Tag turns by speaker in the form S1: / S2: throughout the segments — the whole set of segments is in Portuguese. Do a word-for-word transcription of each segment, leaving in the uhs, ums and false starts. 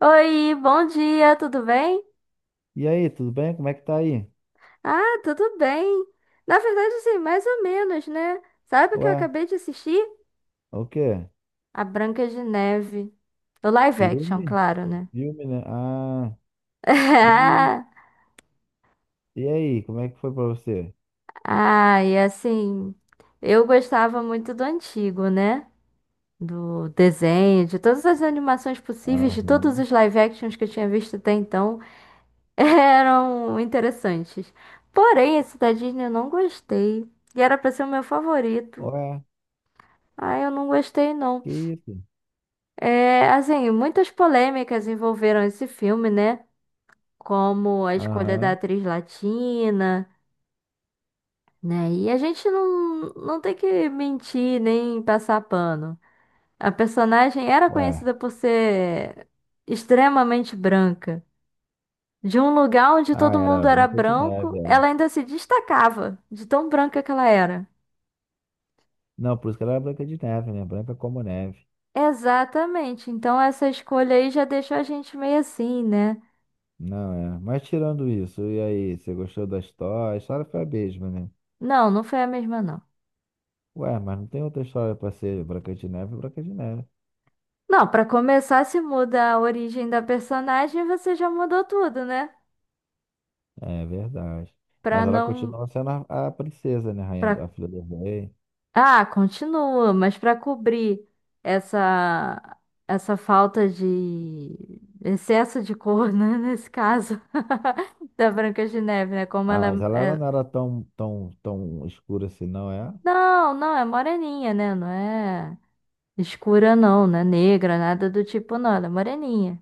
S1: Oi, bom dia, tudo bem?
S2: E aí, tudo bem? Como é que tá aí?
S1: Ah, tudo bem. Na verdade, assim, mais ou menos, né? Sabe o que eu
S2: Ué,
S1: acabei de assistir?
S2: é o quê?
S1: A Branca de Neve. O live action,
S2: Filme?
S1: claro, né?
S2: Filme, né? Ah, e, e aí, como é que foi pra você?
S1: Ah, e assim, eu gostava muito do antigo, né? Do desenho, de todas as animações possíveis, de todos
S2: Aham.
S1: os live actions que eu tinha visto até então, eram interessantes. Porém, esse da Disney eu não gostei. E era pra ser o meu favorito.
S2: Ué,
S1: Ah, eu não gostei, não.
S2: que isso?
S1: É, assim, muitas polêmicas envolveram esse filme, né? Como a escolha da
S2: Aham.
S1: atriz latina, né? E a gente não, não tem que mentir nem passar pano. A personagem era
S2: Ué.
S1: conhecida por ser extremamente branca. De um lugar onde
S2: Ah,
S1: todo
S2: era
S1: mundo era
S2: Branca de Neve,
S1: branco,
S2: é.
S1: ela ainda se destacava de tão branca que ela era.
S2: Não, por isso que ela era Branca de Neve, né? Branca como neve.
S1: Exatamente. Então essa escolha aí já deixou a gente meio assim, né?
S2: Não, é. Mas tirando isso, e aí, você gostou da história? A história foi a mesma, né?
S1: Não, não foi a mesma, não.
S2: Ué, mas não tem outra história pra ser Branca de Neve, Branca de Neve.
S1: Não, pra começar, se muda a origem da personagem, você já mudou tudo, né?
S2: É verdade.
S1: Pra
S2: Mas ela
S1: não,
S2: continuava sendo a, a princesa, né? Rainha, do-
S1: para
S2: a filha do rei.
S1: ah, continua, mas pra cobrir essa essa falta de excesso de cor, né, nesse caso da Branca de Neve, né? Como
S2: Ah,
S1: ela
S2: mas ela
S1: é...
S2: ela
S1: é,
S2: não era tão, tão, tão escura assim, não é?
S1: Não, não, é moreninha, né? Não é escura não, não é negra, nada do tipo não, ela é moreninha.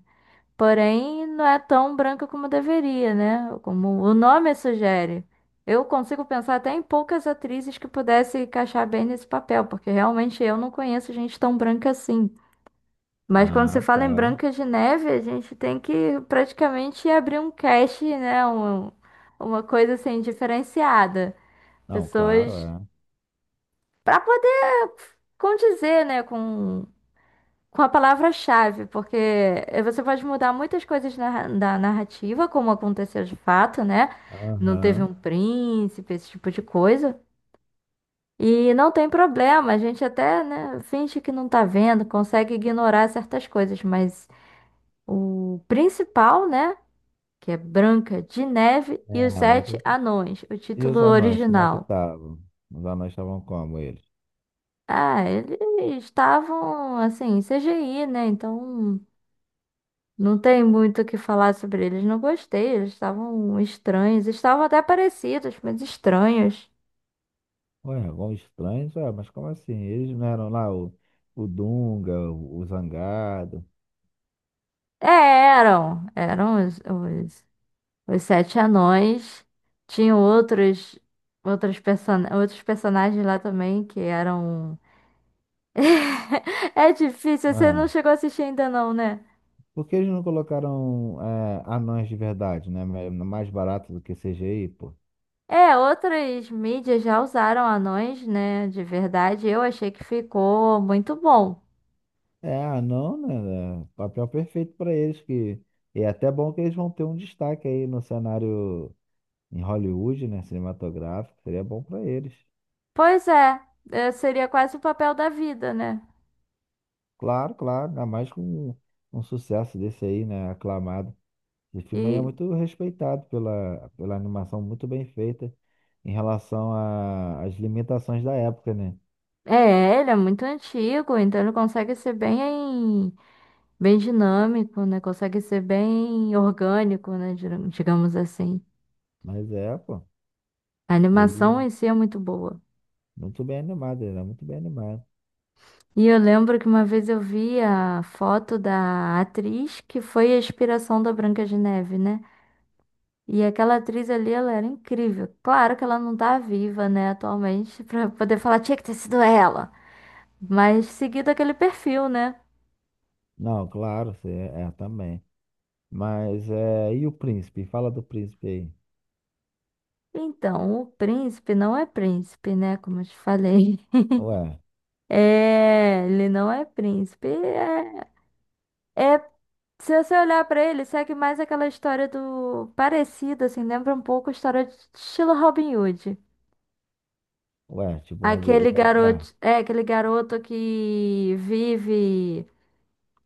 S1: Porém, não é tão branca como deveria, né? Como o nome sugere. Eu consigo pensar até em poucas atrizes que pudessem encaixar bem nesse papel, porque realmente eu não conheço gente tão branca assim. Mas quando se
S2: Ah,
S1: fala em
S2: tá.
S1: Branca de Neve, a gente tem que praticamente abrir um cast, né? Um- uma coisa assim diferenciada.
S2: Não, claro,
S1: Pessoas
S2: é.
S1: para poder condizer, né, com com a palavra-chave, porque eh, você pode mudar muitas coisas na- da narrativa, como aconteceu de fato, né? Não teve
S2: Aham.
S1: um príncipe, esse tipo de coisa. E não tem problema, a gente até, né, finge que não tá vendo, consegue ignorar certas coisas, mas o principal, né, que é Branca de Neve e
S2: É,
S1: os
S2: a
S1: Sete
S2: branca. de-
S1: Anões, o
S2: E
S1: título
S2: os anões, como é que
S1: original.
S2: estavam? Os anões estavam como eles?
S1: Ah, eles estavam assim, C G I, né? Então não tem muito o que falar sobre eles. Não gostei. Eles estavam estranhos. Estavam até parecidos, mas estranhos.
S2: Ué, vão estranhos? Ué, mas como assim? Eles não eram lá o, o Dunga, o, o Zangado?
S1: É, eram. Eram os, os, os sete anões. Tinham outros, outros, person outros personagens lá também que eram. É difícil. Você não
S2: Ué,
S1: chegou a assistir ainda, não, né?
S2: por que eles não colocaram é, anões de verdade, né? Mais mais barato do que C G I, pô?
S1: É, outras mídias já usaram anões, né? De verdade. Eu achei que ficou muito bom.
S2: É, ah, não, né? É papel perfeito para eles, que é até bom que eles vão ter um destaque aí no cenário em Hollywood, né? Cinematográfico, seria bom para eles.
S1: Pois é. É, seria quase o papel da vida, né?
S2: Claro, claro, ainda mais com um sucesso desse aí, né? Aclamado. Esse filme aí é
S1: E
S2: muito respeitado pela, pela animação muito bem feita em relação a- às limitações da época, né?
S1: é, ele é muito antigo, então ele consegue ser bem, bem dinâmico, né? Consegue ser bem orgânico, né? Dir- Digamos assim.
S2: Mas é, pô,
S1: A
S2: ele
S1: animação em si é muito boa.
S2: muito bem animado, ele é muito bem animado.
S1: E eu lembro que uma vez eu vi a foto da atriz que foi a inspiração da Branca de Neve, né? E aquela atriz ali, ela era incrível. Claro que ela não tá viva, né, atualmente, pra poder falar, tinha que ter sido ela. Mas seguido aquele perfil, né?
S2: Não, claro, cê- é, é, também. Mas é. E o príncipe? Fala do príncipe aí.
S1: Então, o príncipe não é príncipe, né? Como eu te falei.
S2: Ué,
S1: É, ele não é príncipe. É, é- Se você olhar pra ele, segue mais aquela história do parecida, assim, lembra um pouco a história de estilo Robin Hood.
S2: ué, tipo, Robin.
S1: Aquele
S2: Ué,
S1: garoto, é aquele garoto que vive,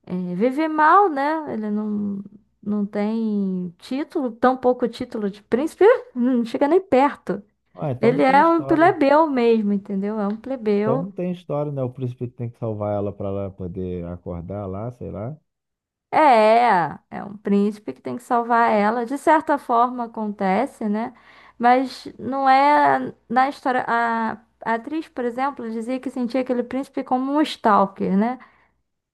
S1: é, vive mal, né? Ele não, não tem título, tão pouco título de príncipe, não chega nem perto.
S2: ué, então
S1: Ele
S2: não tem
S1: é um
S2: história.
S1: plebeu mesmo, entendeu? É um
S2: Então
S1: plebeu.
S2: não tem história, né? O príncipe que tem que salvar ela pra ela poder acordar lá, sei lá.
S1: É, é um príncipe que tem que salvar ela. De certa forma acontece, né? Mas não é na história. A, a atriz, por exemplo, dizia que sentia aquele príncipe como um stalker, né?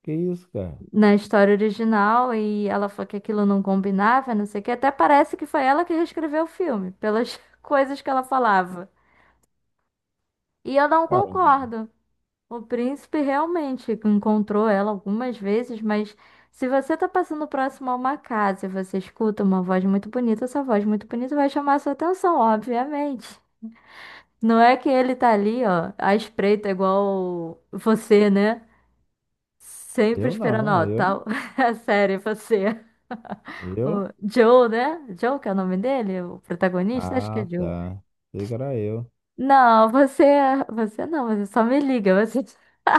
S2: Que isso, cara?
S1: Na história original, e ela falou que aquilo não combinava, não sei o quê. Até parece que foi ela que reescreveu o filme, pelas coisas que ela falava. E eu não
S2: Cara,
S1: concordo. O príncipe realmente encontrou ela algumas vezes, mas se você está passando próximo a uma casa e você escuta uma voz muito bonita, essa voz muito bonita vai chamar a sua atenção, obviamente. Não é que ele tá ali, ó, à espreita, igual você, né? Sempre
S2: eu
S1: esperando,
S2: não,
S1: ó,
S2: eu.
S1: tal. É sério, você.
S2: Eu?
S1: O Joe, né? Joe, que é o nome dele, o protagonista? Acho que é
S2: Ah,
S1: Joe.
S2: tá. Sei que era eu.
S1: Não, você, é, você não, você só me liga, você.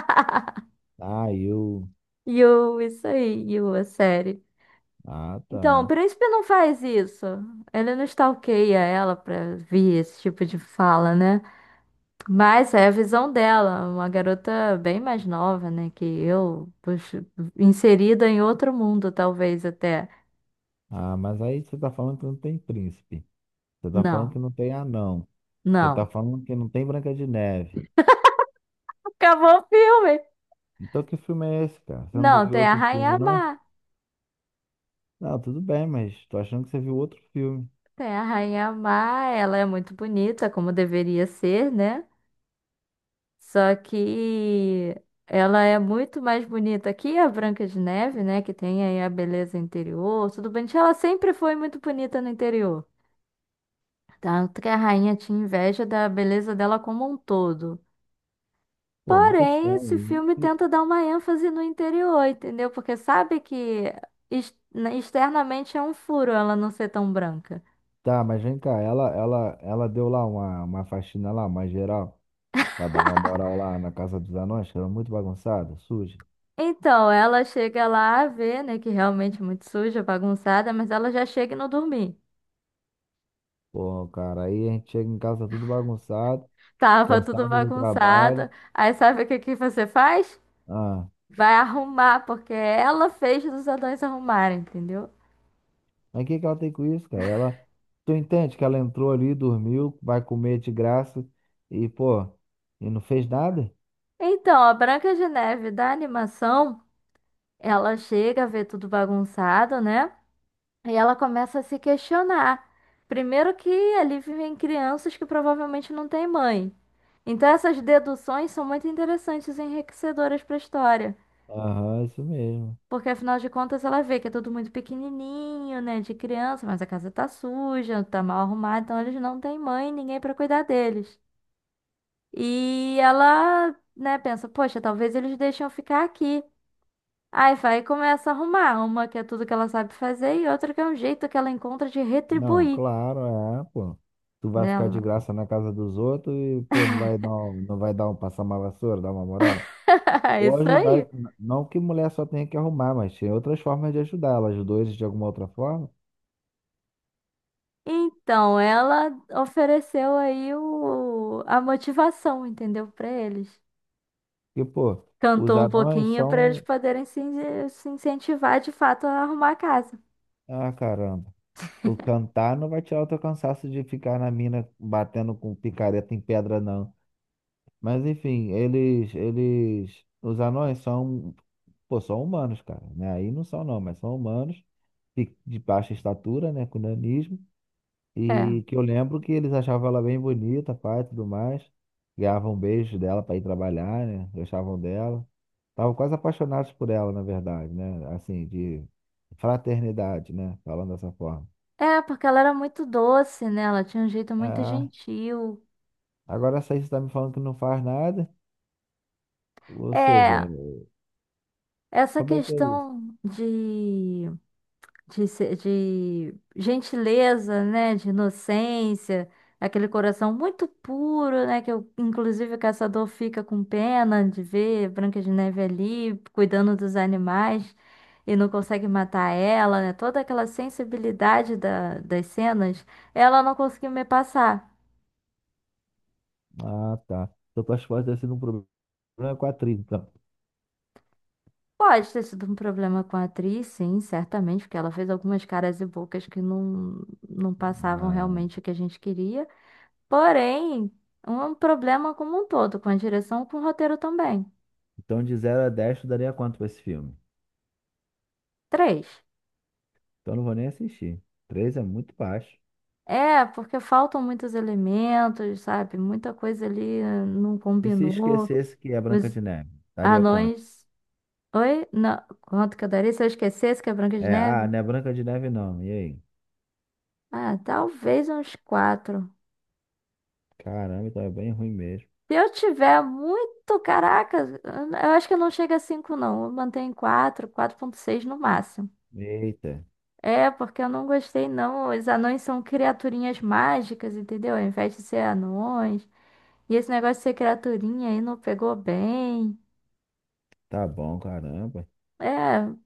S2: Ah, eu.
S1: Yu, isso aí, Yu, a série.
S2: Ah,
S1: Então, o
S2: tá.
S1: príncipe não faz isso. Ele não stalkeia ela pra vir esse tipo de fala, né? Mas é a visão dela, uma garota bem mais nova, né? Que eu, puxa, inserida em outro mundo, talvez até.
S2: Ah, mas aí você tá falando que não tem príncipe. Você tá falando
S1: Não,
S2: que não tem anão. Você tá
S1: não.
S2: falando que não tem Branca de Neve.
S1: Acabou o filme.
S2: Então que filme é esse, cara? Você não
S1: Não,
S2: viu
S1: tem a
S2: outro filme,
S1: Rainha
S2: não?
S1: Má.
S2: Não, tudo bem, mas tô achando que você viu outro filme.
S1: Tem a Rainha Má, ela é muito bonita, como deveria ser, né? Só que ela é muito mais bonita que a Branca de Neve, né? Que tem aí a beleza interior. Tudo bem que ela sempre foi muito bonita no interior. Tanto que a rainha tinha inveja da beleza dela como um todo.
S2: Pô, muito
S1: Porém, esse
S2: estranho.
S1: filme
S2: E-
S1: tenta dar uma ênfase no interior, entendeu? Porque sabe que ex- externamente é um furo ela não ser tão branca.
S2: Tá, mas vem cá, ela, ela, ela deu lá uma, uma faxina lá, mais geral, pra dar uma moral lá na casa dos anões, que era muito bagunçada, suja.
S1: Então, ela chega lá a ver, né, que realmente é muito suja, bagunçada, mas ela já chega e não dormir.
S2: Pô, cara, aí a gente chega em casa tudo bagunçado,
S1: Tava tudo
S2: cansado do trabalho.
S1: bagunçado. Aí sabe o que que você faz?
S2: Ah,
S1: Vai arrumar, porque ela fez os anões arrumarem, entendeu?
S2: mas o que que ela tem com isso, cara? Ela, tu entende que ela entrou ali, dormiu, vai comer de graça e, pô, e não fez nada?
S1: Então, a Branca de Neve da animação, ela chega a ver tudo bagunçado, né? E ela começa a se questionar. Primeiro que ali vivem crianças que provavelmente não têm mãe. Então, essas deduções são muito interessantes e enriquecedoras para a história.
S2: Aham, isso mesmo.
S1: Porque afinal de contas ela vê que é tudo muito pequenininho, né, de criança, mas a casa tá suja, tá mal arrumada, então eles não têm mãe, ninguém pra cuidar deles. E ela, né, pensa, poxa, talvez eles deixem eu ficar aqui. Aí vai e começa a arrumar, uma que é tudo que ela sabe fazer e outra que é um jeito que ela encontra de
S2: Não,
S1: retribuir
S2: claro, é, pô. Tu vai ficar de
S1: nela.
S2: graça na casa dos outros e, pô, não vai dar um, não vai dar um passar uma vassoura, dar uma moral.
S1: É
S2: Ou
S1: isso
S2: ajudar,
S1: aí.
S2: n- não que mulher só tenha que arrumar, mas tem outras formas de ajudar. Ela ajudou eles de alguma outra forma.
S1: Então, ela ofereceu aí o, a motivação, entendeu, pra eles.
S2: E, pô, os
S1: Cantou um
S2: anões
S1: pouquinho para eles
S2: são.
S1: poderem se, in- se incentivar de fato a arrumar a casa.
S2: Ah, caramba. O cantar não vai tirar o teu cansaço de ficar na mina batendo com picareta em pedra, não. Mas, enfim, eles, eles, os anões são Pô, são humanos, cara, né? Aí não são não, mas são humanos de, de baixa estatura, né? Com nanismo.
S1: É.
S2: E que eu lembro que eles achavam ela bem bonita, pai, e tudo mais. Ganhavam beijos dela pra ir trabalhar, né? Gostavam dela. Estavam quase apaixonados por ela, na verdade, né? Assim, de fraternidade, né? Falando dessa forma.
S1: É, porque ela era muito doce, né? Ela tinha um jeito muito
S2: Ah,
S1: gentil.
S2: agora essa aí você tá me falando que não faz nada. Ou seja,
S1: É, essa
S2: como é que é isso?
S1: questão de de, se- de gentileza, né, de inocência, aquele coração muito puro, né, que eu- inclusive o caçador fica com pena de ver Branca de Neve ali cuidando dos animais e não consegue matar ela, né, toda aquela sensibilidade da- das cenas, ela não conseguiu me passar.
S2: Ah, tá. Então tuas fotos devem ser um problema com a atriz, então.
S1: Pode ter sido um problema com a atriz, sim, certamente, porque ela fez algumas caras e bocas que não, não passavam realmente o que a gente queria. Porém, um problema como um todo, com a direção, com o roteiro também.
S2: Então, de zero a dez, tu daria quanto pra esse filme?
S1: Três.
S2: Então, eu não vou nem assistir. Três é muito baixo.
S1: É, porque faltam muitos elementos, sabe? Muita coisa ali eh, não
S2: E se
S1: combinou.
S2: esquecesse que é Branca
S1: Os
S2: de Neve? Daria quanto?
S1: anões. Oi? Não. Quanto que eu daria se eu esquecesse que é Branca de
S2: É, ah,
S1: Neve?
S2: não é Branca de Neve não. E aí?
S1: Ah, talvez uns quatro.
S2: Caramba, então é bem ruim mesmo.
S1: Se eu tiver muito, caraca, eu acho que não chega a cinco, não. Eu mantenho em quatro, quatro vírgula seis no máximo.
S2: Eita,
S1: É, porque eu não gostei, não. Os anões são criaturinhas mágicas, entendeu? Ao invés de ser anões. E esse negócio de ser criaturinha aí não pegou bem.
S2: tá bom, caramba.
S1: É,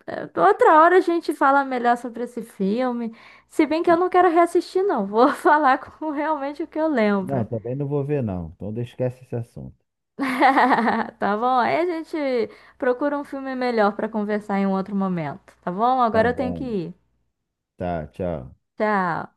S1: é, outra hora a gente fala melhor sobre esse filme. Se bem que eu não quero reassistir, não. Vou falar com realmente o que eu
S2: Não,
S1: lembro.
S2: também não vou ver não. Então, esquece esse assunto.
S1: Tá bom? Aí a gente procura um filme melhor pra conversar em um outro momento, tá bom?
S2: Tá
S1: Agora eu tenho que
S2: bom.
S1: ir.
S2: Tá, tchau.
S1: Tchau.